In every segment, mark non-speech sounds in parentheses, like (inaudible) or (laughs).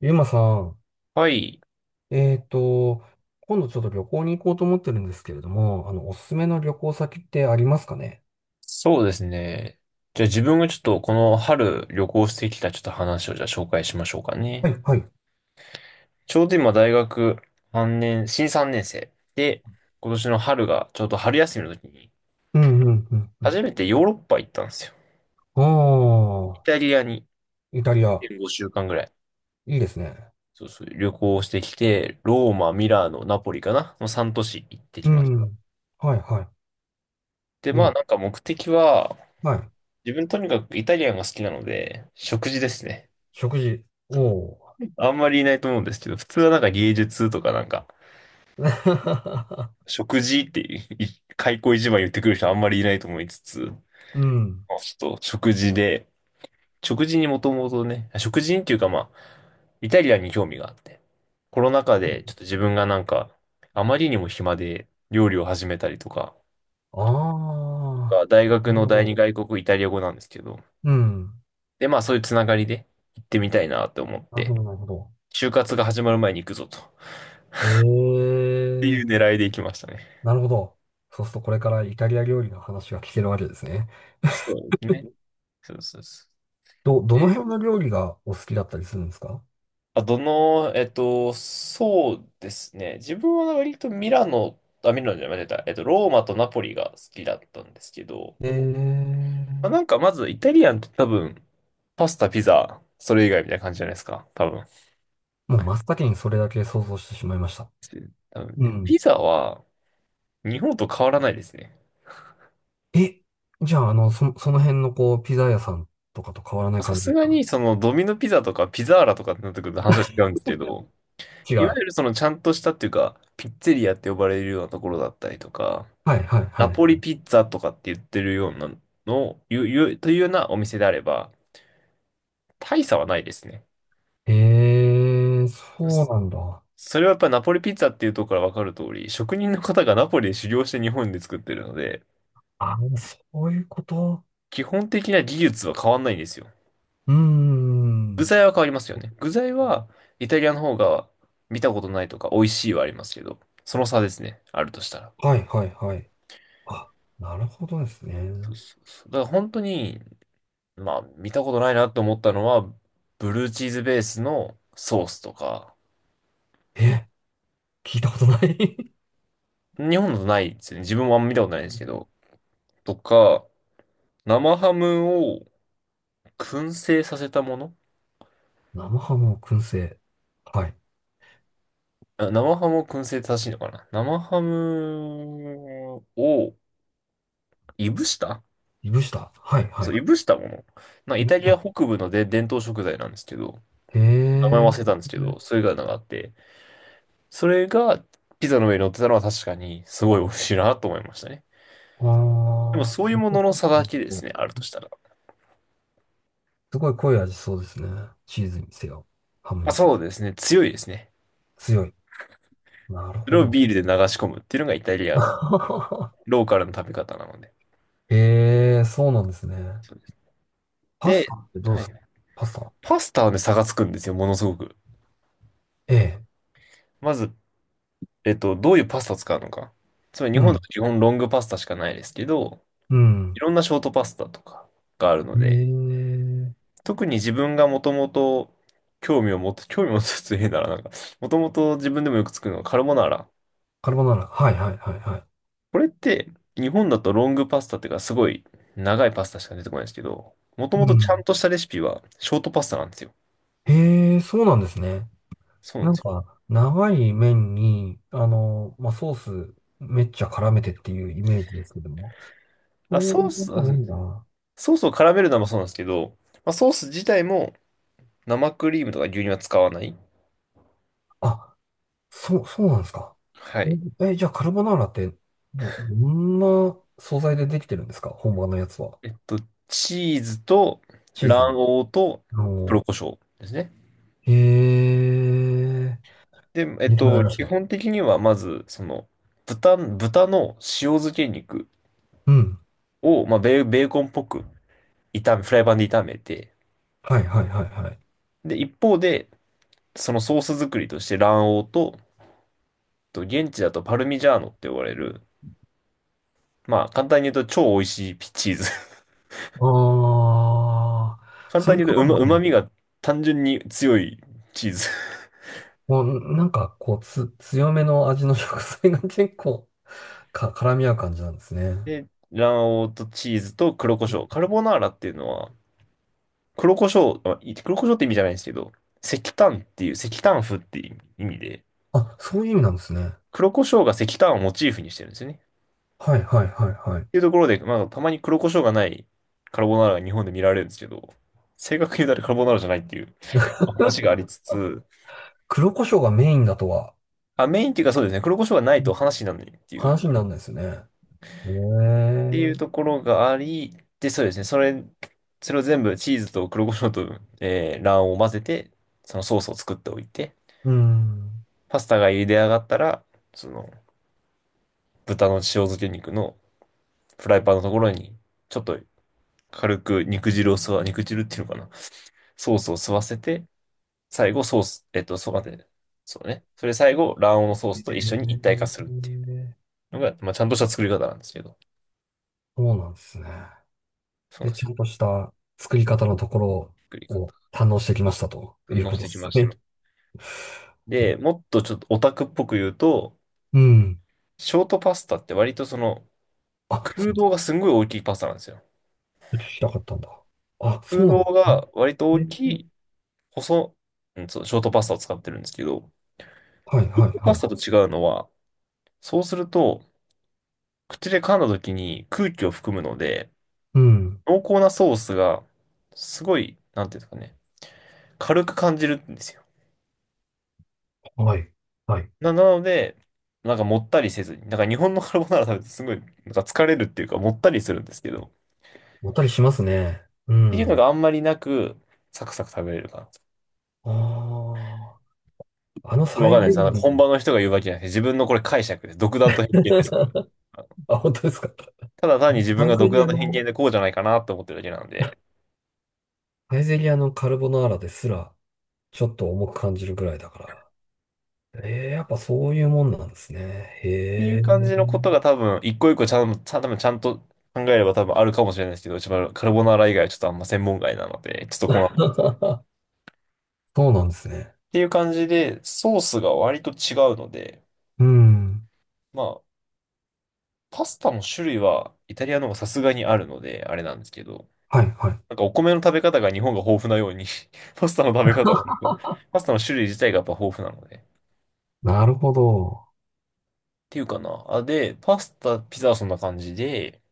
ゆうまさん、はい。えっと、今度ちょっと旅行に行こうと思ってるんですけれども、おすすめの旅行先ってありますかね？そうですね。じゃあ自分がちょっとこの春旅行してきたちょっと話をじゃあ紹介しましょうかはね。い、はい。ちょうど今大学3年、新3年生で、今年の春がちょうど春休みの時にうん、うん、うん、うん。初めてヨーロッパ行ったんですよ。あイあ、タリアにイタリア、5週間ぐらい。いいですね。そうそう、旅行してきて、ローマ、ミラーノ、ナポリかなの3都市行ってうきました。ん。はい、はで、い。いいまのあなか。んか目的は、はい。自分とにかくイタリアンが好きなので、食事ですね。食事。おお。あんまりいないと思うんですけど、普通はなんか芸術とかなんか、(laughs) 食事っていう、開口一番言ってくる人あんまりいないと思いつつ、まうん。あちょっと食事で、食事にもともとね、食事っていうかまあ、イタリアンに興味があって、コロナ禍でちょっと自分がなんか、あまりにも暇で料理を始めたりとか、ああ、が大学なるのほ第二ど。外国イタリア語なんですけど、うん。でまあそういうつながりで行ってみたいなと思っなるほて、ど、なるほど。就活が始まる前に行くぞと、っえていうえ、狙いで行きましたね。なるほど。そうするとこれからイタリア料理の話が聞けるわけですね。そうですね。そうそうそう。どの辺で、の料理がお好きだったりするんですか？あ、どの、えっと、そうですね。自分は割とミラノ、あ、ミラノじゃない、間違えた。ローマとナポリが好きだったんですけど、えまあ、なーんかまずイタリアンって多分、パスタ、ピザ、それ以外みたいな感じじゃないですか。多分。もう真っ先にそれだけ想像してしまいました。多分うで、ピん。ザは日本と変わらないですね。え、じゃあ、あの、その辺のこう、ピザ屋さんとかと変わらないさ感じすですがか？にそのドミノピザとかピザーラとかってなってくると話は違うんですけど、違う。いわはゆるそのちゃんとしたっていうか、ピッツェリアって呼ばれるようなところだったりとか、いはいはナポい。リピッツァとかって言ってるようなのを、いう、いう、というようなお店であれば、大差はないですね。えー、そうそなんだ。それはやっぱりナポリピッツァっていうところからわかる通り、職人の方がナポリで修行して日本で作ってるので、あ、そういうこと。基本的な技術は変わんないんですよ。うー具ん。材は変わりますよね。具材は、イタリアの方が見たことないとか美味しいはありますけど、その差ですね、あるとしたら。はいはいはい。あ、なるほどですね。そうそうそう、だから本当に、まあ、見たことないなと思ったのは、ブルーチーズベースのソースとか、え、聞いたことない。 (laughs) 日本だとないですね。自分もあんま見たことないですけど。とか、生ハムを燻製させたもの、生ハムを燻製。はい。あ、生ハムを燻製って正しいのかな、生ハムをいぶした、いぶした。はいはそう、い。いぶしたもの。なんかイタリア北部ので伝統食材なんですけど、へ名前え。忘れたんですけど、それがなんかあって、それがピザの上に乗ってたのは確かにすごい美味しいなと思いましたね。でもあそういあ、うものの差だけですね、あるとしたら。すごい濃い味そうですね。チーズにせよ、ハムまにあ、せよ。そうですね、強いですね。強い。なるそほれをど。ビールで流し込むっていうのがイタリアの (laughs) ローカルの食べ方なので。ええ、そうなんですね。そうです。パスタで、ってどうはですい。か？パスタ。パスタはね、差がつくんですよ、ものすごく。ええ。まず、どういうパスタを使うのか。つまり日う本だん。と基本ロングパスタしかないですけど、ういん。ろんなショートパスタとかがあるのえで、え。特に自分がもともと興味を持って、興味を持つ、つ変だな、なんか、もともと自分でもよく作るのがカルボナーラ。カルボナーラ。はいはいはいはい。これって、日本だとロングパスタっていうか、すごい長いパスタしか出てこないんですけど、もとうもとちゃんん。としたレシピはショートパスタなんですよ。ええ、そうなんですね。そうなんなでんすよ。か、長い麺に、あの、まあ、ソースめっちゃ絡めてっていうイメージですけども。あ、そういう感じじゃないんだ。ソースを絡めるのもそうなんですけど、まあ、ソース自体も生クリームとか牛乳は使わない。あ、そう、そうなんですか？はい。じゃあカルボナーラってどんな素材でできてるんですか、本場のやつは。えっと、チーズとチーズ。卵黄と黒の、胡椒ですね。へえ、で、勉強になりまし基た。本的にはまず、その、豚の塩漬け肉うん。を、まあ、ベーコンっぽく炒め、フライパンで炒めて、はいはいはいはい。で、一方で、そのソース作りとして卵黄と、現地だとパルミジャーノって呼ばれる、まあ、簡単に言うと超美味しいチーズ、ああ、簡そ単れに言とうと、かも旨ね。味が単純に強いチーズ。もうなんかこう強めの味の食材が結構絡み合う感じなんですね。で、卵黄とチーズと黒胡椒。カルボナーラっていうのは、黒胡椒、あ、黒胡椒って意味じゃないんですけど、石炭っていう、石炭風っていう意味で、あ、そういう意味なんですね。黒胡椒が石炭をモチーフにしてるんですよね。っはいはいはいはい。ていうところで、まあ、たまに黒胡椒がないカルボナーラが日本で見られるんですけど、正確に言うとあれカルボナーラじゃないっていう話がありつつ、黒胡椒がメインだとは。あ、メインっていうかそうですね、黒胡椒がないうとん。話にならないっていう話にならないですよね。えていうえ、ところがあり、で、そうですね。それを全部チーズと黒胡椒と、卵黄を混ぜて、そのソースを作っておいて、うん。パスタが茹で上がったら、その豚の塩漬け肉のフライパンのところに、ちょっと軽く肉汁を吸わ、肉汁っていうのかな。ソースを吸わせて、最後ソース、そう、待って、そうね。それ最後、卵黄のソースと一緒に一体ええ、化するっていうのが、まあ、ちゃんとした作り方なんですけど、そうなんですね。そうなんで、ですちゃよ。んとした作り方のところ作り方。を堪能してきましたとい反う応こしとでてきすましたね。と。で、もっとちょっとオタクっぽく言うと、うん。ショートパスタって割とそのあ、そ空う洞がすんごい大きいパスタなんですよ。だ。聞きたかったんだ。あ、そ空うな洞んですが割と大ね。きええ、い細、うん、そう、ショートパスタを使ってるんですけど、はいショはートいパはスい。タと違うのは、そうすると口で噛んだ時に空気を含むので、うん。濃厚なソースがすごい、なんていうんですかね、軽く感じるんですよ。はい。はい。なので、なんかもったりせずに、なんか日本のカルボナーラ食べてすごいなんか疲れるっていうかもったりするんですけど、っもったりしますね。うていうのん。があんまりなく、サクサク食べれるかな。ああ。あのこれサわかイんないゼです。リあの、ア本の、場の人が言うわけじゃなくて、自分のこれ解釈です。独断と偏見ですから。あ、本当ですか？ただ単に自分サイがゼ独リ断アと偏見の、でこうじゃないかなと思ってるだけなんで、サイゼリアのカルボナーラですら、ちょっと重く感じるぐらいだから。ええ、やっぱそういうもんなんですね。っていへうえ。感じのことが多分、一個一個ちゃん、ちゃん、多分ちゃんと考えれば多分あるかもしれないですけど、一番カルボナーラ以外はちょっとあんま専門外なので、ちょっとこの、っ (laughs) そうなんですね。ていう感じで、ソースが割と違うので、うん。まあ、パスタの種類はイタリアの方がさすがにあるので、あれなんですけど、はい、はい。なんかお米の食べ方が日本が豊富なように (laughs) パスタの食べ方もなんか、パスタの種類自体がやっぱ豊富なので、なるほど。ていうかな。あ、で、パスタ、ピザはそんな感じで、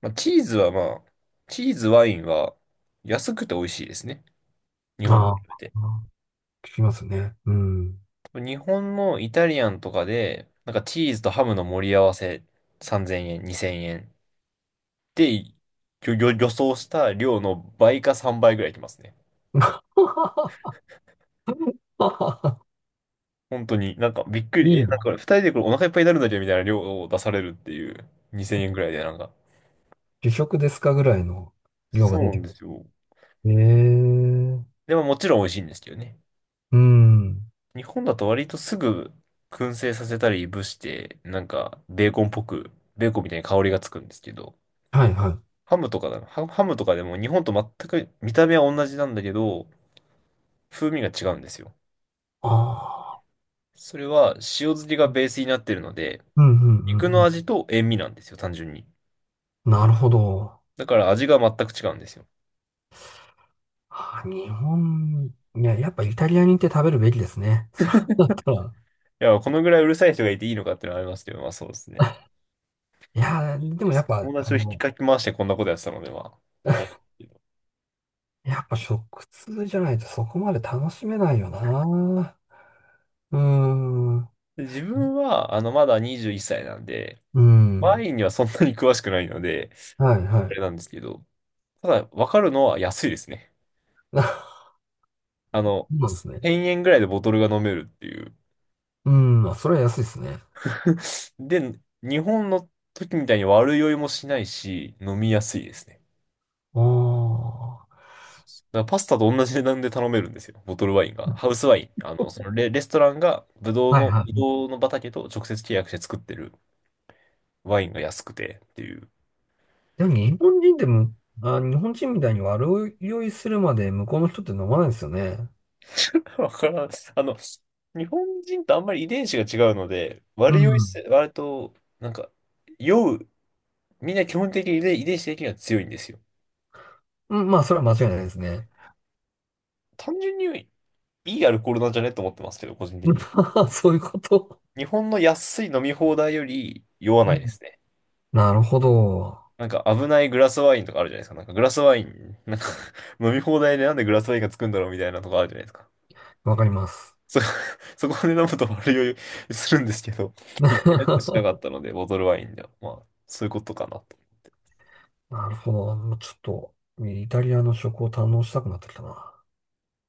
まあ、チーズはまあ、チーズ、ワインは安くて美味しいですね。日本とあ比べあ、て。聞きますね。うん。日本のイタリアンとかで、なんかチーズとハムの盛り合わせ3000円、2000円で、予想した量の倍か3倍ぐらいいきますね。(laughs) 本当に、なんかびっくり、いえ、いなんな。か二人でこれお腹いっぱいになるんだけどみたいな量を出されるっていう2000円ぐらいでなんか。主食ですかぐらいの量そがう出なてんくですよ。る。えでももちろん美味しいんですけどね。え。うん。日本だと割とすぐ燻製させたりいぶして、なんかベーコンっぽく、ベーコンみたいに香りがつくんですけど、はい、はい。ハムとかだな、ハムとかでも日本と全く見た目は同じなんだけど、風味が違うんですよ。ああ。それは塩漬けがベースになってるので、うん、うん、う肉ん。うのん、味と塩味なんですよ、単純に。なるほど。だから味が全く違うんですよ。あー日本、いや、やっぱイタリアに行って食べるべきですね。そうだったら。いや、このぐらいうるさい人がいていいのかっていうのはありますけど、まあそうですね。いやー、でもやっぱ、友あ達を引きの、かき回してこんなことやってたので、まあ、あれ (laughs) ですけど。やっぱ食通じゃないとそこまで楽しめないよな。うーん。うで自分は、あの、まだ21歳なんで、ーワん。インにはそんなに詳しくないので、はい、はあれい。なんですけど、ただ、わかるのは安いですね。(laughs) そあの、うなんですね。1000円ぐらいでボトルが飲めるっていう。うーん、まあ、それは安いですね。(laughs) で、日本の時みたいに悪酔いもしないし、飲みやすいですね。あ、だからパスタと同じ値段で頼めるんですよ。ボトルワインが。ハウスワイン。あの、そのレストランがはいブはい。ドウの畑と直接契約して作ってるワインが安くてっていう。でも日本人でも、あ、日本人みたいに悪酔いするまで向こうの人って飲まないですよね。わからん。あの、日本人とあんまり遺伝子が違うので、う悪酔いん。せ、割と、なんか、酔う、みんな基本的に遺伝子的には強いんですよ。うん、まあ、それは間違いないですね。単純にいいアルコールなんじゃねと思ってますけど、個人的に。(laughs) そういうこと。日本の安い飲み放題より酔わうないでん、すね。なるほど。なんか危ないグラスワインとかあるじゃないですか。なんかグラスワイン、なんか (laughs) 飲み放題でなんでグラスワインがつくんだろうみたいなとこあるじゃないですか。わかります。そ、(laughs) そこで飲むと悪酔いするんですけど、いたりとしなかっ (laughs) たので、ボトルワインでは。まあ、そういうことかな。なるほど。ちょっと、イタリアの食を堪能したくなってきたな。